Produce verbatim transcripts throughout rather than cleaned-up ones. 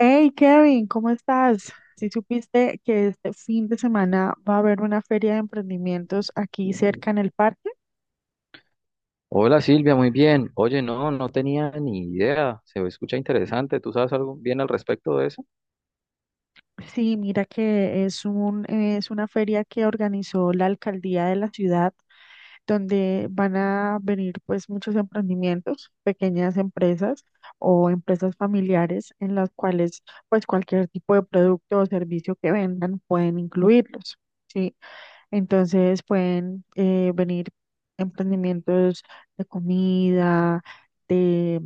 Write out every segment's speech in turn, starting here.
Hey Kevin, ¿cómo estás? Si supiste que este fin de semana va a haber una feria de emprendimientos aquí cerca en el parque. Hola Silvia, muy bien. Oye, no, no tenía ni idea. Se escucha interesante. ¿Tú sabes algo bien al respecto de eso? Sí, mira que es un, es una feria que organizó la alcaldía de la ciudad, donde van a venir pues muchos emprendimientos, pequeñas empresas o empresas familiares en las cuales pues cualquier tipo de producto o servicio que vendan pueden incluirlos. Sí. Entonces pueden eh, venir emprendimientos de comida, de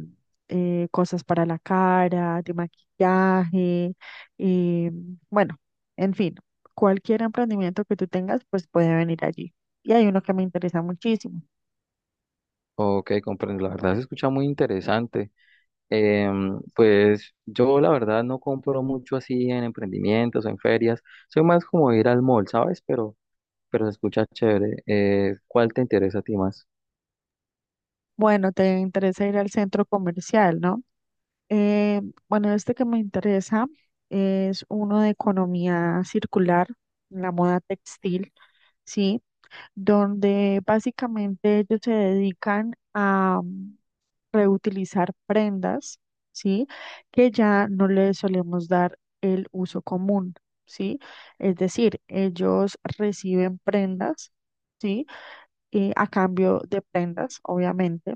eh, cosas para la cara, de maquillaje, eh, bueno, en fin, cualquier emprendimiento que tú tengas, pues puede venir allí. Y hay uno que me interesa muchísimo. Ok, comprendo. La verdad se escucha muy interesante. Em, pues yo la verdad no compro mucho así en emprendimientos o en ferias. Soy más como ir al mall, ¿sabes? Pero, pero se escucha chévere. Eh, ¿cuál te interesa a ti más? Bueno, te interesa ir al centro comercial, ¿no? Eh, bueno, este que me interesa es uno de economía circular, la moda textil, ¿sí? Donde básicamente ellos se dedican a mm, reutilizar prendas, ¿sí? Que ya no le solemos dar el uso común, ¿sí? Es decir, ellos reciben prendas, ¿sí? Eh, a cambio de prendas, obviamente.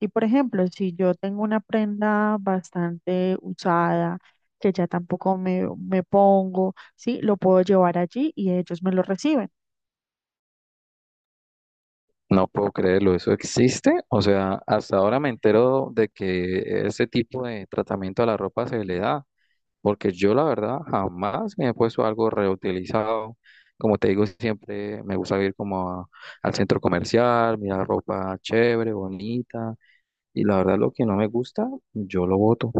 Y por ejemplo, si yo tengo una prenda bastante usada, que ya tampoco me, me pongo, ¿sí? Lo puedo llevar allí y ellos me lo reciben. No puedo creerlo, ¿eso existe? O sea, hasta ahora me entero de que ese tipo de tratamiento a la ropa se le da. Porque yo la verdad jamás me he puesto algo reutilizado. Como te digo, siempre me gusta ir como a- al centro comercial, mirar ropa chévere, bonita. Y la verdad lo que no me gusta, yo lo boto.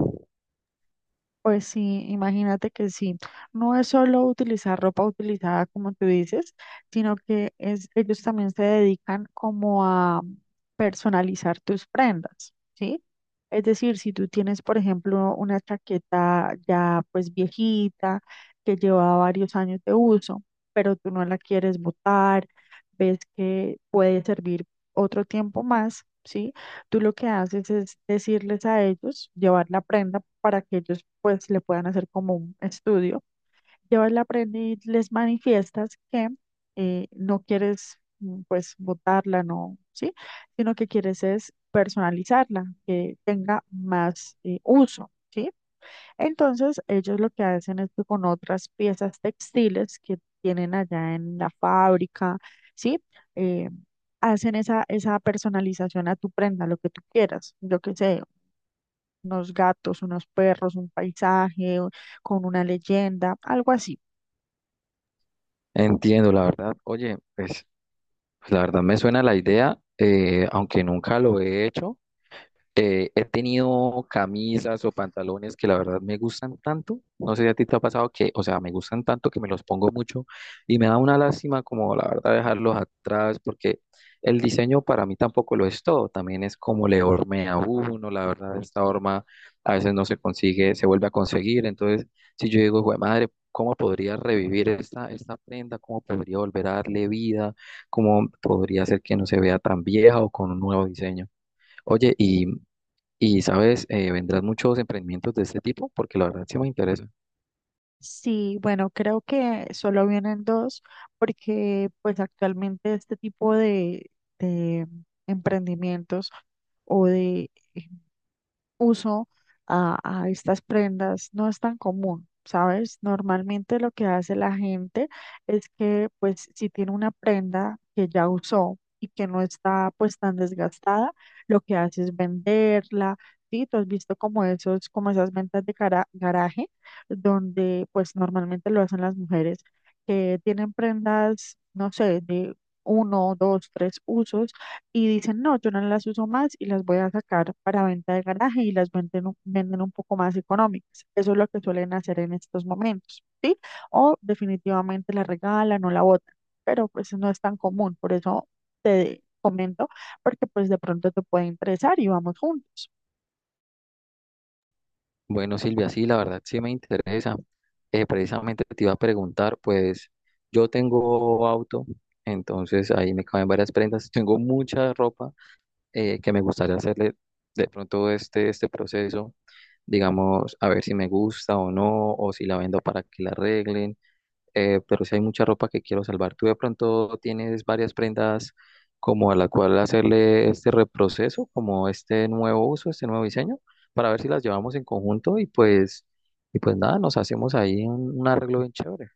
Pues sí, imagínate que sí. No es solo utilizar ropa utilizada, como tú dices, sino que es, ellos también se dedican como a personalizar tus prendas, ¿sí? Es decir, si tú tienes, por ejemplo, una chaqueta ya pues viejita, que lleva varios años de uso, pero tú no la quieres botar, ves que puede servir otro tiempo más, ¿sí? Tú lo que haces es decirles a ellos, llevar la prenda para que ellos pues le puedan hacer como un estudio yo le aprendí, les manifiestas que eh, no quieres mm, pues botarla, no, ¿sí? Sino que quieres es personalizarla, que tenga más eh, uso, ¿sí? Entonces ellos lo que hacen es que con otras piezas textiles que tienen allá en la fábrica, ¿sí? Eh, hacen esa, esa personalización a tu prenda, lo que tú quieras, yo qué sé, unos gatos, unos perros, un paisaje, o- con una leyenda, algo así. Entiendo, la verdad. Oye, pues pues, la verdad me suena la idea, eh, aunque nunca lo he hecho. Eh, he tenido camisas o pantalones que la verdad me gustan tanto. No sé si a ti te ha pasado que, o sea, me gustan tanto que me los pongo mucho y me da una lástima como la verdad dejarlos atrás porque el diseño para mí tampoco lo es todo. También es como le hormea a uno, la verdad, esta horma a veces no se consigue, se vuelve a conseguir. Entonces, si yo digo, güey, madre, ¿cómo podría revivir esta, esta prenda? ¿Cómo podría volver a darle vida? ¿Cómo podría hacer que no se vea tan vieja o con un nuevo diseño? Oye, y y sabes, Eh, vendrán muchos emprendimientos de este tipo porque la verdad sí me interesa. Sí, bueno, creo que solo vienen dos porque pues actualmente este tipo de, de emprendimientos o de uso a, a estas prendas no es tan común, ¿sabes? Normalmente lo que hace la gente es que, pues, si tiene una prenda que ya usó y que no está, pues, tan desgastada, lo que hace es venderla, ¿sí? Tú has visto como esos, como esas ventas de cara- garaje, donde, pues, normalmente lo hacen las mujeres que tienen prendas, no sé, de uno, dos, tres usos y dicen, no, yo no las uso más y las voy a sacar para venta de garaje y las venden, un- venden un poco más económicas. Eso es lo que suelen hacer en estos momentos, ¿sí? O definitivamente la regalan o la botan, pero pues no es tan común, por eso te comento, porque pues de pronto te puede interesar y vamos juntos. Bueno, Silvia, sí, la verdad sí me interesa. Eh, precisamente te iba a preguntar, pues yo tengo auto, entonces ahí me caben varias prendas. Tengo mucha ropa eh, que me gustaría hacerle de pronto este, este proceso, digamos, a ver si me gusta o no, o si la vendo para que la arreglen. Eh, pero sí hay mucha ropa que quiero salvar. ¿Tú de pronto tienes varias prendas como a la cual hacerle este reproceso, como este nuevo uso, este nuevo diseño, para ver si las llevamos en conjunto y pues, y pues nada, nos hacemos ahí un, un arreglo bien chévere?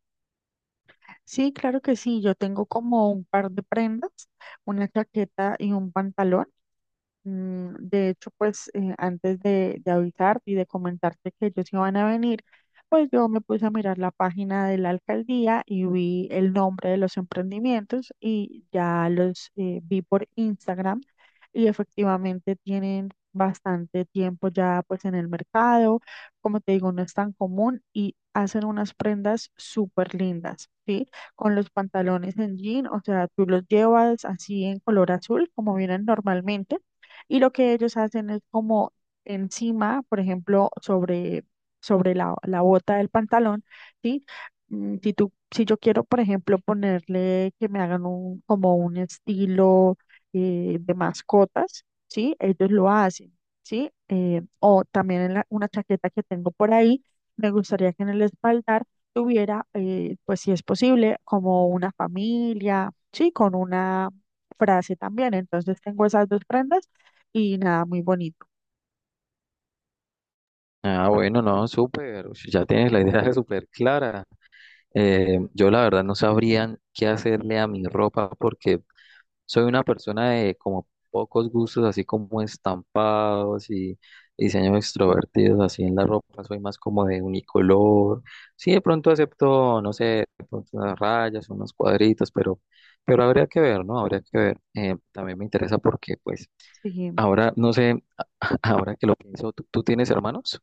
Sí, claro que sí, yo tengo como un par de prendas, una chaqueta y un pantalón. Mm, De hecho, pues eh, antes de, de avisarte y de comentarte que ellos iban a venir, pues yo me puse a mirar la página de la alcaldía y vi el nombre de los emprendimientos y ya los eh, vi por Instagram y efectivamente tienen bastante tiempo ya pues en el mercado, como te digo, no es tan común y hacen unas prendas súper lindas, ¿sí? Con los pantalones en jean, o sea, tú los llevas así en color azul como vienen normalmente y lo que ellos hacen es como encima, por ejemplo, sobre, sobre la, la bota del pantalón, ¿sí? Mm, Si tú, si yo quiero, por ejemplo, ponerle que me hagan un, como un estilo eh, de mascotas, ¿sí? Ellos lo hacen, ¿sí? Eh, o también en la- una chaqueta que tengo por ahí, me gustaría que en el espaldar tuviera, eh, pues si es posible, como una familia, ¿sí? Con una frase también. Entonces tengo esas dos prendas y nada, muy bonito. Ah, bueno, no, súper, ush, ya tienes la idea súper clara. Eh, yo la verdad no sabría qué hacerle a mi ropa porque soy una persona de como pocos gustos, así como estampados y diseños extrovertidos, así en la ropa. Soy más como de unicolor. Sí, de pronto acepto, no sé, de pronto unas rayas, unos cuadritos, pero, pero habría que ver, ¿no? Habría que ver. Eh, también me interesa porque, pues, Sí, ahora, no sé, ahora que lo pienso, ¿tú, tú tienes hermanos?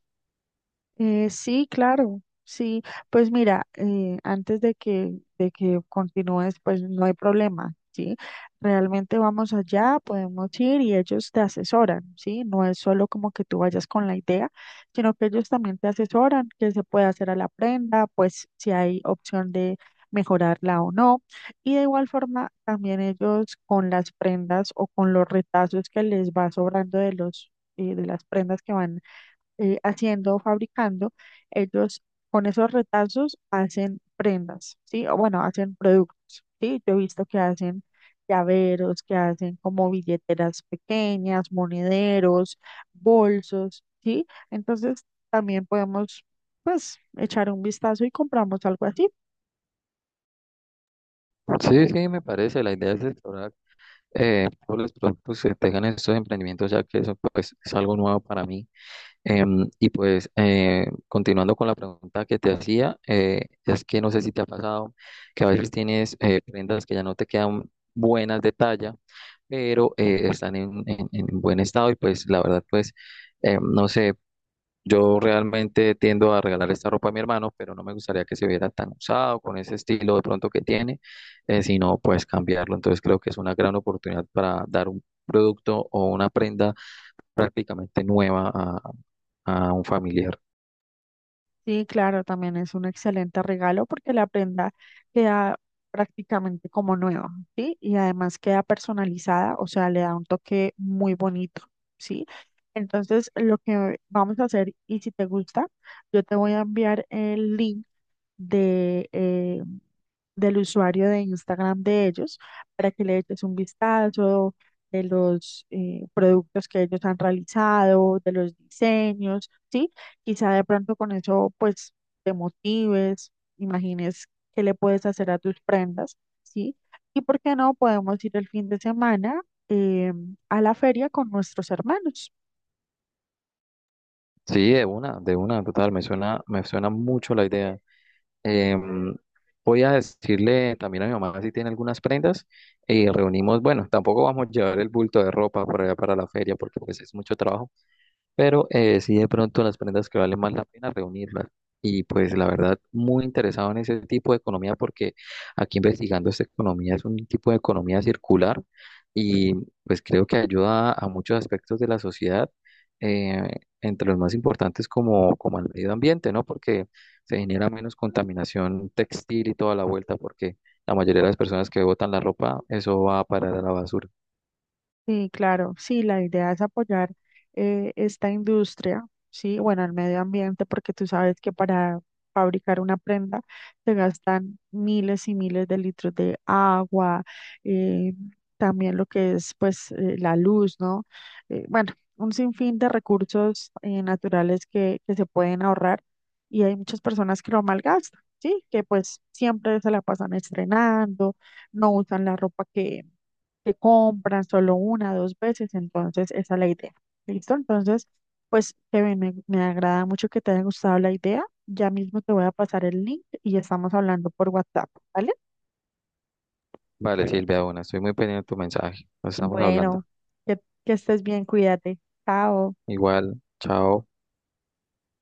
Eh, sí, claro, sí. Pues mira, eh, antes de que, de que continúes, pues no hay problema, ¿sí? Realmente vamos allá, podemos ir y ellos te asesoran, ¿sí? No es solo como que tú vayas con la idea, sino que ellos también te asesoran qué se puede hacer a la prenda, pues si hay opción de mejorarla o no. Y de igual forma, también ellos con las prendas o con los retazos que les va sobrando de los... eh, de las prendas que van eh, haciendo, fabricando, ellos con esos retazos hacen prendas, ¿sí? O bueno, hacen productos, ¿sí? Yo he visto que hacen llaveros, que hacen como billeteras pequeñas, monederos, bolsos, ¿sí? Entonces también podemos, pues, echar un vistazo y compramos algo así. Sí, sí, me parece. La idea es explorar eh, todos los productos que tengan estos emprendimientos, ya que eso, pues, es algo nuevo para mí. Em, y pues eh, continuando con la pregunta que te hacía, eh, es que no sé si te ha pasado que a veces tienes eh, prendas que ya no te quedan buenas de talla, pero eh, están en, en- en buen estado y pues la verdad pues eh, no sé, yo realmente tiendo a regalar esta ropa a mi hermano, pero no me gustaría que se viera tan usado con ese estilo de pronto que tiene, eh, sino pues cambiarlo. Entonces creo que es una gran oportunidad para dar un producto o una prenda prácticamente nueva a, a un familiar. Sí, claro, también es un excelente regalo porque la prenda queda prácticamente como nueva, ¿sí? Y además queda personalizada, o sea, le da un toque muy bonito, ¿sí? Entonces, lo que vamos a hacer, y si te gusta, yo te voy a enviar el link de eh, del usuario de Instagram de ellos para que le eches un vistazo de los eh, productos que ellos han realizado, de los diseños, ¿sí? Quizá de pronto con eso pues te motives, imagines qué le puedes hacer a tus prendas, ¿sí? Y por qué no podemos ir el fin de semana eh, a la feria con nuestros hermanos. Sí, de una, de una, total, me suena, me suena mucho la idea. Em, Voy a decirle también a mi mamá si tiene algunas prendas y reunimos, bueno, tampoco vamos a llevar el bulto de ropa para, allá para la feria porque pues es mucho trabajo, pero eh, sí de pronto las prendas que vale más la pena reunirlas. Y pues la verdad, muy interesado en ese tipo de economía porque aquí investigando esta economía es un tipo de economía circular y pues creo que ayuda a muchos aspectos de la sociedad, eh, entre los más importantes como, como el medio ambiente, ¿no? Porque se genera menos contaminación textil y toda la vuelta porque la mayoría de las personas que botan la ropa, eso va a parar a la basura. Sí, claro, sí, la idea es apoyar eh, esta industria, sí, bueno, el medio ambiente, porque tú sabes que para fabricar una prenda se gastan miles y miles de litros de agua, eh, también lo que es pues eh, la luz, ¿no? Eh, bueno, un sinfín de recursos eh, naturales que, que se pueden ahorrar y hay muchas personas que lo malgastan, sí, que pues siempre se la pasan estrenando, no usan la ropa que compran solo una, dos veces, entonces esa es la idea. ¿Listo? Entonces, pues, Kevin, me, me agrada mucho que te haya gustado la idea. Ya mismo te voy a pasar el link y estamos hablando por WhatsApp, ¿vale? Vale, Silvia, bueno, estoy muy pendiente de tu mensaje. Nos estamos Bueno, hablando. que, que estés bien, cuídate. Chao. Igual, chao.